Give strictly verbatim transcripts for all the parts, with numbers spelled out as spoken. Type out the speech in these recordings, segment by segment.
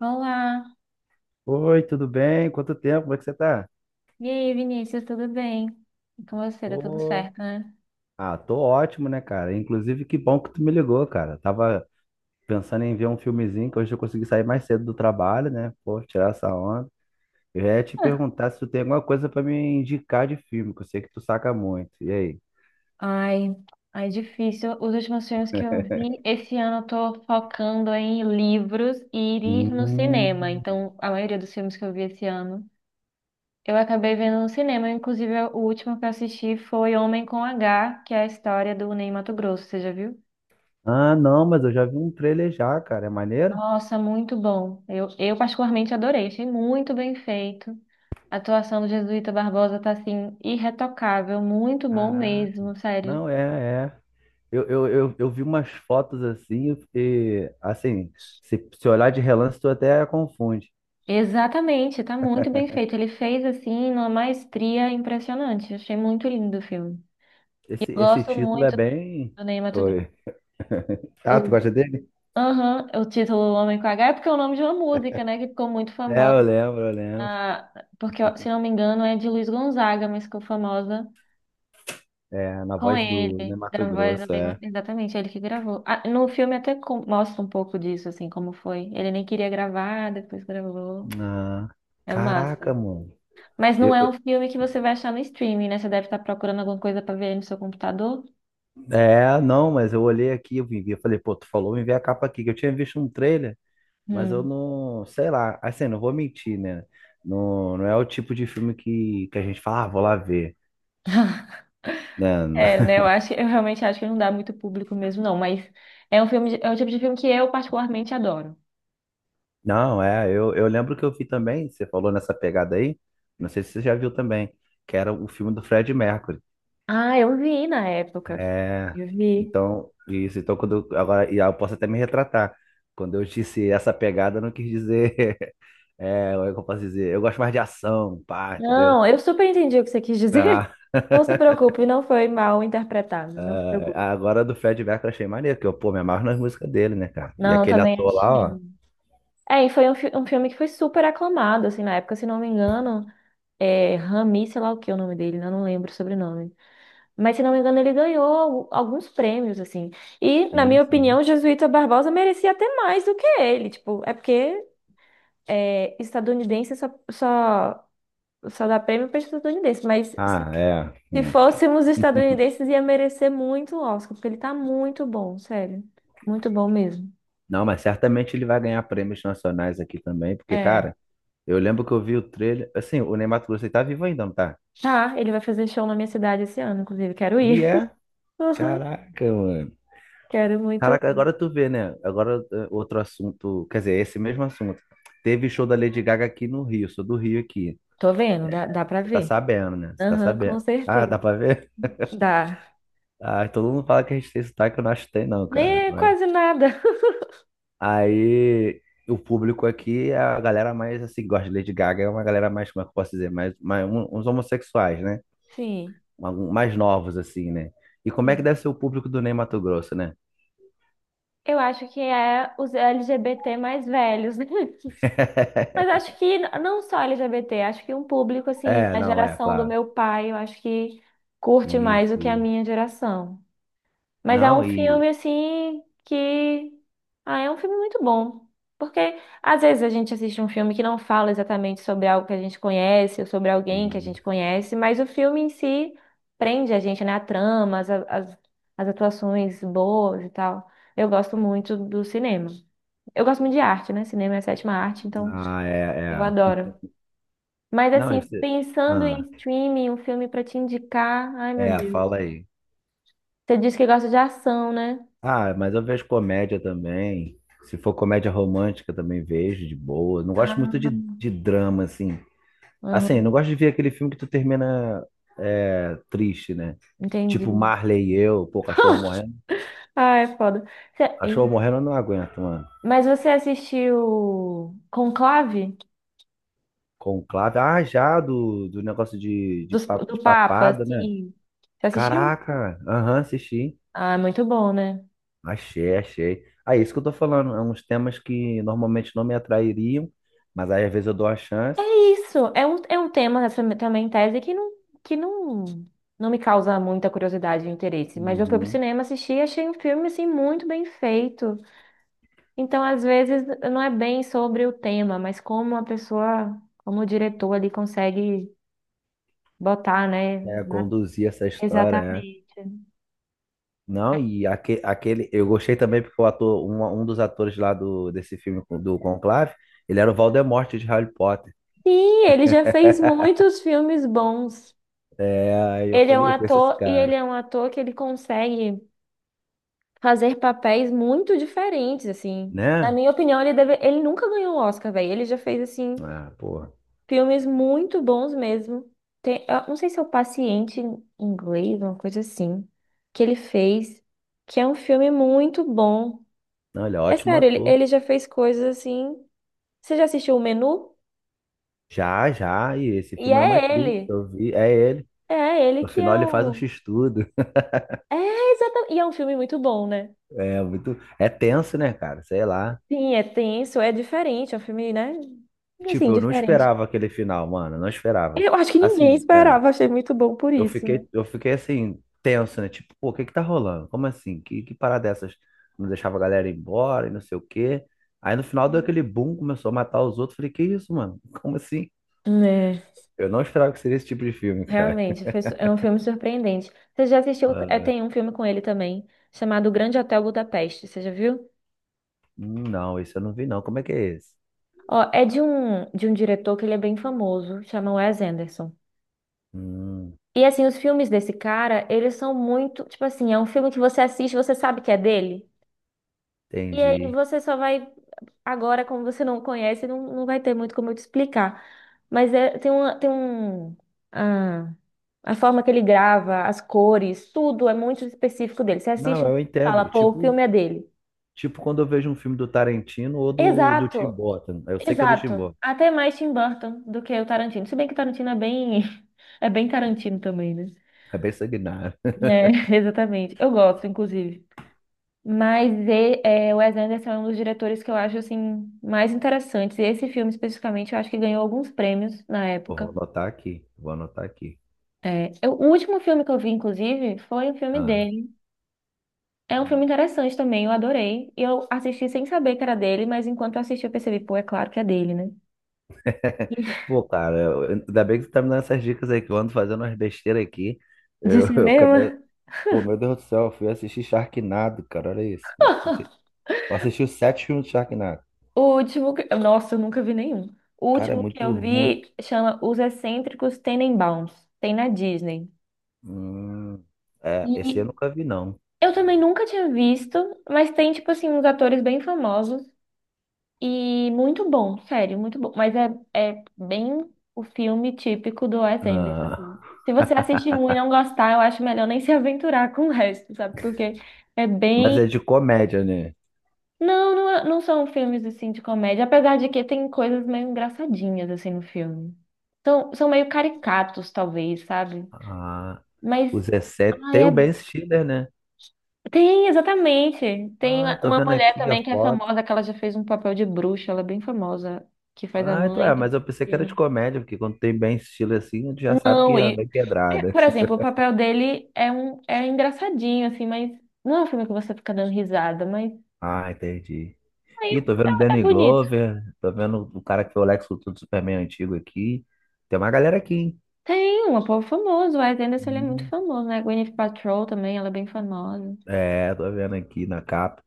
Olá! Oi, tudo bem? Quanto tempo? Como é que você tá? E aí, Vinícius, tudo bem? E com você, tá tudo Pô, certo, né? ah, tô ótimo, né, cara? Inclusive, que bom que tu me ligou, cara. Tava pensando em ver um filmezinho, que hoje eu consegui sair mais cedo do trabalho, né? Pô, tirar essa onda. Eu ia te Ah, perguntar se tu tem alguma coisa pra me indicar de filme, que eu sei que tu saca muito. E aí? ai, ai, difícil. Os últimos filmes que eu vi esse ano eu tô focando em livros e ir no cinema. Hum. Então, a maioria dos filmes que eu vi esse ano, eu acabei vendo no cinema. Inclusive, o último que eu assisti foi Homem com H, que é a história do Ney Matogrosso, você já viu? Ah, não, mas eu já vi um trailer já, cara. É maneiro? Nossa, muito bom. Eu, eu particularmente adorei, achei muito bem feito. A atuação do Jesuíta Barbosa tá assim, irretocável, muito bom Caraca. mesmo, sério. Não, é, é. Eu, eu, eu, eu vi umas fotos assim, e assim, se, se olhar de relance, tu até confunde. Exatamente, tá muito bem feito. Ele fez assim, numa maestria impressionante. Achei muito lindo o filme. E Esse, esse gosto título é muito bem. do Ney Matogrosso. Oi. Ah, tu O, gosta dele? aham, o título Homem com H é porque é o nome de uma música, né? Que ficou muito É, famosa. eu lembro, eu lembro. ah, Porque, se não me engano, é de Luiz Gonzaga, mas ficou famosa. É, na Com voz do ele, né, Mato da voz do Grosso, Big Mouth, é. exatamente, é ele que gravou. Ah, no filme até com- mostra um pouco disso, assim, como foi. Ele nem queria gravar, depois gravou. Ah, É caraca, massa. mano. Mas não Eu, é um eu- filme que você vai achar no streaming, né? Você deve estar procurando alguma coisa pra ver aí no seu computador. É, não, mas eu olhei aqui, eu vim ver, eu falei, pô, tu falou, vem ver a capa aqui, que eu tinha visto um trailer. Mas eu Hum. não, sei lá, assim, não vou mentir, né? Não, não é o tipo de filme que, que a gente fala, ah, vou lá ver, né? É, né? Eu acho, eu realmente acho que não dá muito público mesmo, não. Mas é um filme, de- é o tipo de filme que eu particularmente adoro. Não, é, eu, eu lembro que eu vi também, você falou nessa pegada aí, não sei se você já viu também, que era o filme do Fred Mercury. Ah, eu vi na época. É, Eu vi. então, isso, então quando eu, agora, e eu posso até me retratar, quando eu disse essa pegada, eu não quis dizer, é, como é que eu posso dizer? Eu gosto mais de ação, pá, entendeu? Não, eu super entendi o que você quis dizer. Ah. Não se preocupe, não foi mal interpretado, não se É, preocupe. agora do Fred Mercury eu achei maneiro, porque eu, pô, me amarro nas músicas dele, né, cara? E Não, aquele também ator lá, ó. achei. É, e foi um, fi- um filme que foi super aclamado, assim, na época, se não me engano, é Rami, sei lá o que é o nome dele, né? Não lembro o sobrenome. Mas, se não me engano, ele ganhou al- alguns prêmios, assim. E, na Sim, minha sim. opinião, Jesuíta Barbosa merecia até mais do que ele, tipo, é porque é, estadunidense só, só, só dá prêmio para estadunidense, mas se Ah, é. Se Hum. fôssemos estadunidenses, ia merecer muito o Oscar, porque ele tá muito bom, sério. Muito bom mesmo. Não, mas certamente ele vai ganhar prêmios nacionais aqui também, porque, É. cara, eu lembro que eu vi o trailer. Assim, o Ney Matogrosso, ele tá vivo ainda, não tá? Tá, ele vai fazer show na minha cidade esse ano, inclusive, quero E ir. é. Uhum, Caraca, mano. quero muito. Caraca, agora tu vê, né? Agora eh, outro assunto. Quer dizer, esse mesmo assunto. Teve show da Lady Gaga aqui no Rio, sou do Rio aqui. Tô vendo, dá, dá pra Você tá ver. sabendo, né? Você tá Aham, com sabendo. Ah, dá certeza. pra ver? Dá. Ah, todo mundo fala que a gente tem sotaque, eu não acho que tem, não, cara. Nem é Mas... quase nada. Aí o público aqui é a galera mais assim, que gosta de Lady Gaga, é uma galera mais, como é que eu posso dizer, mais, mais um- uns homossexuais, né? Sim, Algum- Mais novos, assim, né? E como é que sim. deve ser o público do Ney Matogrosso, né? Eu acho que é os L G B T mais velhos, né? Mas acho que n- não só L G B T, acho que um público, assim, É, a não, é, geração do claro. meu pai, eu acho que curte mais do Isso, que a isso. minha geração. Mas é Não, um e, filme assim que. Ah, é um filme muito bom. Porque às vezes a gente assiste um filme que não fala exatamente sobre algo que a gente conhece ou sobre alguém que a e- gente conhece, mas o filme em si prende a gente, né? A trama, as, as, as atuações boas e tal. Eu gosto muito do cinema. Eu gosto muito de arte, né? Cinema é a sétima arte, então Ah, eu é, é. adoro. Mas Não, e assim, você. pensando Ah, em streaming, um filme pra te indicar, ai meu é, Deus. fala aí. Você disse que gosta de ação, né? Ah, mas eu vejo comédia também. Se for comédia romântica, também vejo de boa. Não gosto muito de, Ah. de drama, assim. Assim, não Uhum, gosto de ver aquele filme que tu termina é, triste, né? Tipo entendi. Marley e eu, pô, cachorro morrendo. Ah, é foda. Cê- Ih, Cachorro morrendo eu não aguento, mano. Mas você assistiu Conclave Conclave. Ah, já, do, do negócio de, de, dos- pa- do, de Papa, papada, né? sim. Você assistiu? Caraca, aham, assisti. Ah, é muito bom, né? Achei, achei. Ah, isso que eu tô falando. É uns temas que normalmente não me atrairiam, mas aí às vezes eu dou a chance. Isso, é um, é um, tema, essa me- também tese que não, que não, não me causa muita curiosidade e interesse. Mas eu fui pro Uhum. cinema assistir e achei um filme, assim, muito bem feito. Então, às vezes, não é bem sobre o tema, mas como a pessoa, como o diretor ali consegue botar, né? É, conduzir essa história, né? Exatamente. Não, e aque- aquele, eu gostei também porque o ator, um, um dos atores lá do, desse filme do Conclave, ele era o Voldemort de Harry Potter. Sim, ele já fez muitos filmes bons. É, aí eu Ele é um falei, eu conheço esse ator e ele cara, é um ator que ele consegue fazer papéis muito diferentes, assim. Na né? minha opinião, ele deve... ele nunca ganhou um Oscar, velho. Ele já fez assim Ah, porra. filmes muito bons mesmo. Tem... eu não sei se é o Paciente em inglês, uma coisa assim, que ele fez, que é um filme muito bom. Não, ele é É ótimo sério, ele, ator. ele já fez coisas assim. Você já assistiu o Menu? Já, já, e esse E filme é uma é ele. crítica, eu vi, é ele. É, ele No que final é ele faz um o. x-tudo. É, exatamente. E é um filme muito bom, né? É muito, é tenso, né, cara? Sei lá. Sim, é tenso, é diferente, é um filme, né? Assim, Tipo, eu não diferente. esperava aquele final, mano, eu não esperava. Eu acho que ninguém Assim, é. esperava, achei muito bom por Eu isso, né? fiquei, eu fiquei assim, tenso, né? Tipo, pô, o que que tá rolando? Como assim? Que, que parada dessas? Não deixava a galera ir embora e não sei o quê. Aí no final deu aquele boom, começou a matar os outros. Falei, que isso, mano? Como assim? É, Eu não esperava que seria esse tipo de filme, cara. realmente, foi su- é um filme surpreendente. Você já assistiu? É, Ah, tem um filme com ele também, chamado O Grande Hotel Budapeste, você já viu? hum, não, isso eu não vi, não. Como é que é esse? Ó, é de um, de um diretor que ele é bem famoso, chama Wes Anderson. Hum, E assim, os filmes desse cara, eles são muito, tipo assim, é um filme que você assiste, você sabe que é dele. E aí Entendi. você só vai. Agora, como você não conhece, não, não vai ter muito como eu te explicar. Mas é, tem uma, tem um. Ah, a forma que ele grava, as cores, tudo é muito específico dele. Você assiste Não, um eu filme e fala, entendo. pô, o Tipo, filme é dele. tipo quando eu vejo um filme do Tarantino ou do, do Tim Exato, Burton. Eu sei que é do Tim exato. Burton. Até mais Tim Burton do que o Tarantino. Se bem que o Tarantino é bem. É bem Tarantino também, né? É bem sanguinário. É, exatamente. Eu gosto, inclusive. Mas e- é, o Wes Anderson é um dos diretores que eu acho assim mais interessantes. E esse filme especificamente, eu acho que ganhou alguns prêmios na Eu vou época. anotar aqui. Vou anotar aqui. É, eu- o último filme que eu vi, inclusive, foi um filme Ah. dele. É um filme interessante também, eu adorei. E eu assisti sem saber que era dele, mas enquanto eu assisti eu percebi, pô, é claro que é dele, né? Pô, cara, eu- ainda bem que tu tá me dando essas dicas aí, que eu ando fazendo umas besteiras aqui. De Eu, eu, acabei- cinema? pô, meu Deus do céu, eu fui assistir Sharknado, cara, olha isso. Eu não sei- Eu assisti os sete filmes de Sharknado. O último que... Nossa, eu nunca vi nenhum. O Cara, é último que eu muito ruim. vi chama Os Excêntricos Tenenbaums. Tem na Disney. Hum, É, esse eu E nunca vi, não. eu também nunca tinha visto, mas tem, tipo assim, uns atores bem famosos e muito bom, sério, muito bom. Mas é, é bem o filme típico do Wes Anderson, Ah, assim. Se você assistir um e não gostar, eu acho melhor nem se aventurar com o resto, sabe? Porque é mas é bem. de comédia, né? Não, não, é- não são filmes, assim, de comédia, apesar de que tem coisas meio engraçadinhas, assim, no filme. São, são meio caricatos, talvez, sabe? Ah, Mas. o Zé Sete Ai, tem o é Ben Stiller, né? Tem, exatamente. Tem Ah, tô uma vendo mulher aqui a também que é foto. famosa, que ela já fez um papel de bruxa, ela é bem famosa, que faz a Ah, então mãe é, do mas eu pensei que era de menino. comédia, porque quando tem Ben Stiller assim, a gente já sabe que Não, já e. vem É, pedrada. por exemplo, o papel dele é um é engraçadinho, assim, mas não é um filme que você fica dando risada, mas Ah, entendi. aí Ih, tô é, vendo um, é é Danny bonito. Glover, tô vendo o cara que foi o Lex Luthor do Superman antigo aqui. Tem uma galera aqui, hein? Tem um povo famoso, o Wes Anderson ele é muito Hum. famoso, né? Gwyneth Paltrow também, ela é bem famosa. É, tô vendo aqui na capa.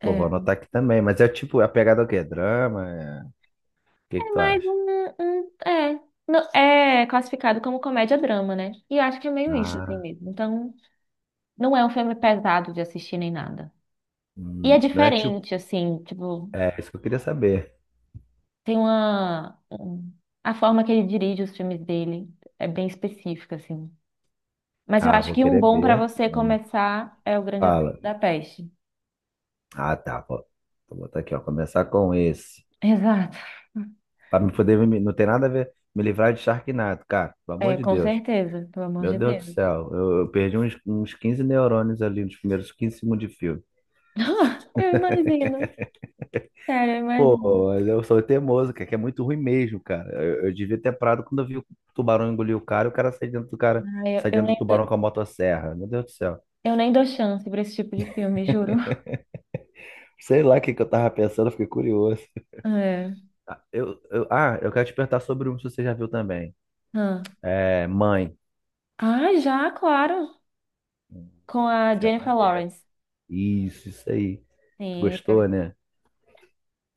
Pô, vou anotar aqui também. Mas é tipo, é a pegada é o quê? Drama? É... O que que é tu mais acha? um, um- é. Não, é classificado como comédia-drama, né? E eu acho que é meio isso, assim Ah, mesmo. Então. Não é um filme pesado de assistir nem nada. E é hum, não é tipo. diferente, assim, tipo, É isso que eu queria saber. tem uma. um- a forma que ele dirige os filmes dele é bem específica, assim. Mas eu Ah, acho vou que um querer bom para ver. você Hum, começar é O Grande Hotel Fala. da Peste. Ah, tá. Vou, vou botar aqui, ó. Começar com esse. Exato. Pra me poder. me- Não tem nada a ver. Me livrar de Sharknado, cara. Pelo amor É, de com Deus. certeza, pelo amor Meu de Deus do Deus. céu, eu, eu perdi uns, uns quinze neurônios ali nos primeiros quinze segundos de filme. Eu imagino. Sério, eu imagino. Pô, mas eu sou teimoso, cara, que é muito ruim mesmo, cara. Eu, eu devia ter parado quando eu vi o tubarão engolir o cara e o cara sai dentro do cara, Ai, Eu, sai eu dentro nem do dou, tubarão com a motosserra. Meu Deus do céu. eu nem dou chance pra esse tipo de filme, juro. Sei lá o que, que eu tava pensando, eu fiquei curioso. É. Ah, Eu, eu, ah, eu quero te perguntar sobre um que você já viu também. Ah, É, Mãe. Ah, já, claro. Hum, Com a Esse é Jennifer maneiro. Lawrence. Isso, isso aí. Tu Sim, gostou, né?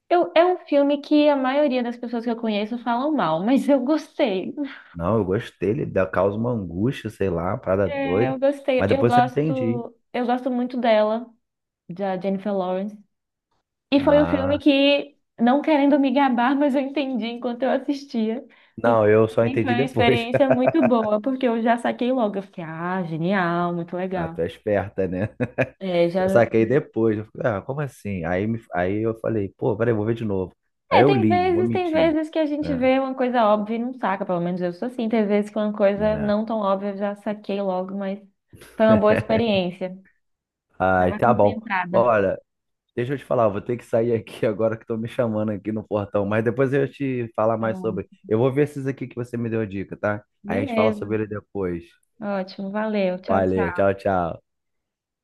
Eu, é um filme que a maioria das pessoas que eu conheço falam mal, mas eu gostei. Não, eu gostei, ele dá- causa uma angústia, sei lá, uma parada É, eu doida. gostei. Mas Eu depois eu entendi. gosto, eu gosto muito dela, da Jennifer Lawrence. E foi um filme Ah, que, não querendo me gabar, mas eu entendi enquanto eu assistia. não, Então, eu pra só mim foi entendi uma depois. experiência muito boa, porque eu já saquei logo. Eu fiquei, ah, genial, muito Ah, legal. tu é esperta, né? É, Eu já. saquei depois. Eu falei, ah, como assim? Aí, me, aí eu falei, pô, peraí, vou ver de novo. Aí É, eu tem li, não vou vezes, tem mentir. vezes que a gente Né? vê uma coisa óbvia e não saca, pelo menos eu sou assim. Tem vezes que uma coisa Né? não tão óbvia eu já saquei logo, mas foi uma boa experiência. Ai, Estava tá bom. concentrada. Olha, deixa eu te falar, eu vou ter que sair aqui agora que estão me chamando aqui no portão, mas depois eu te falar mais sobre. Pronto. Eu vou ver esses aqui que você me deu a dica, tá? Aí a gente fala sobre Beleza, ele depois. ótimo, valeu. Tchau, Valeu, tchau. tchau, tchau.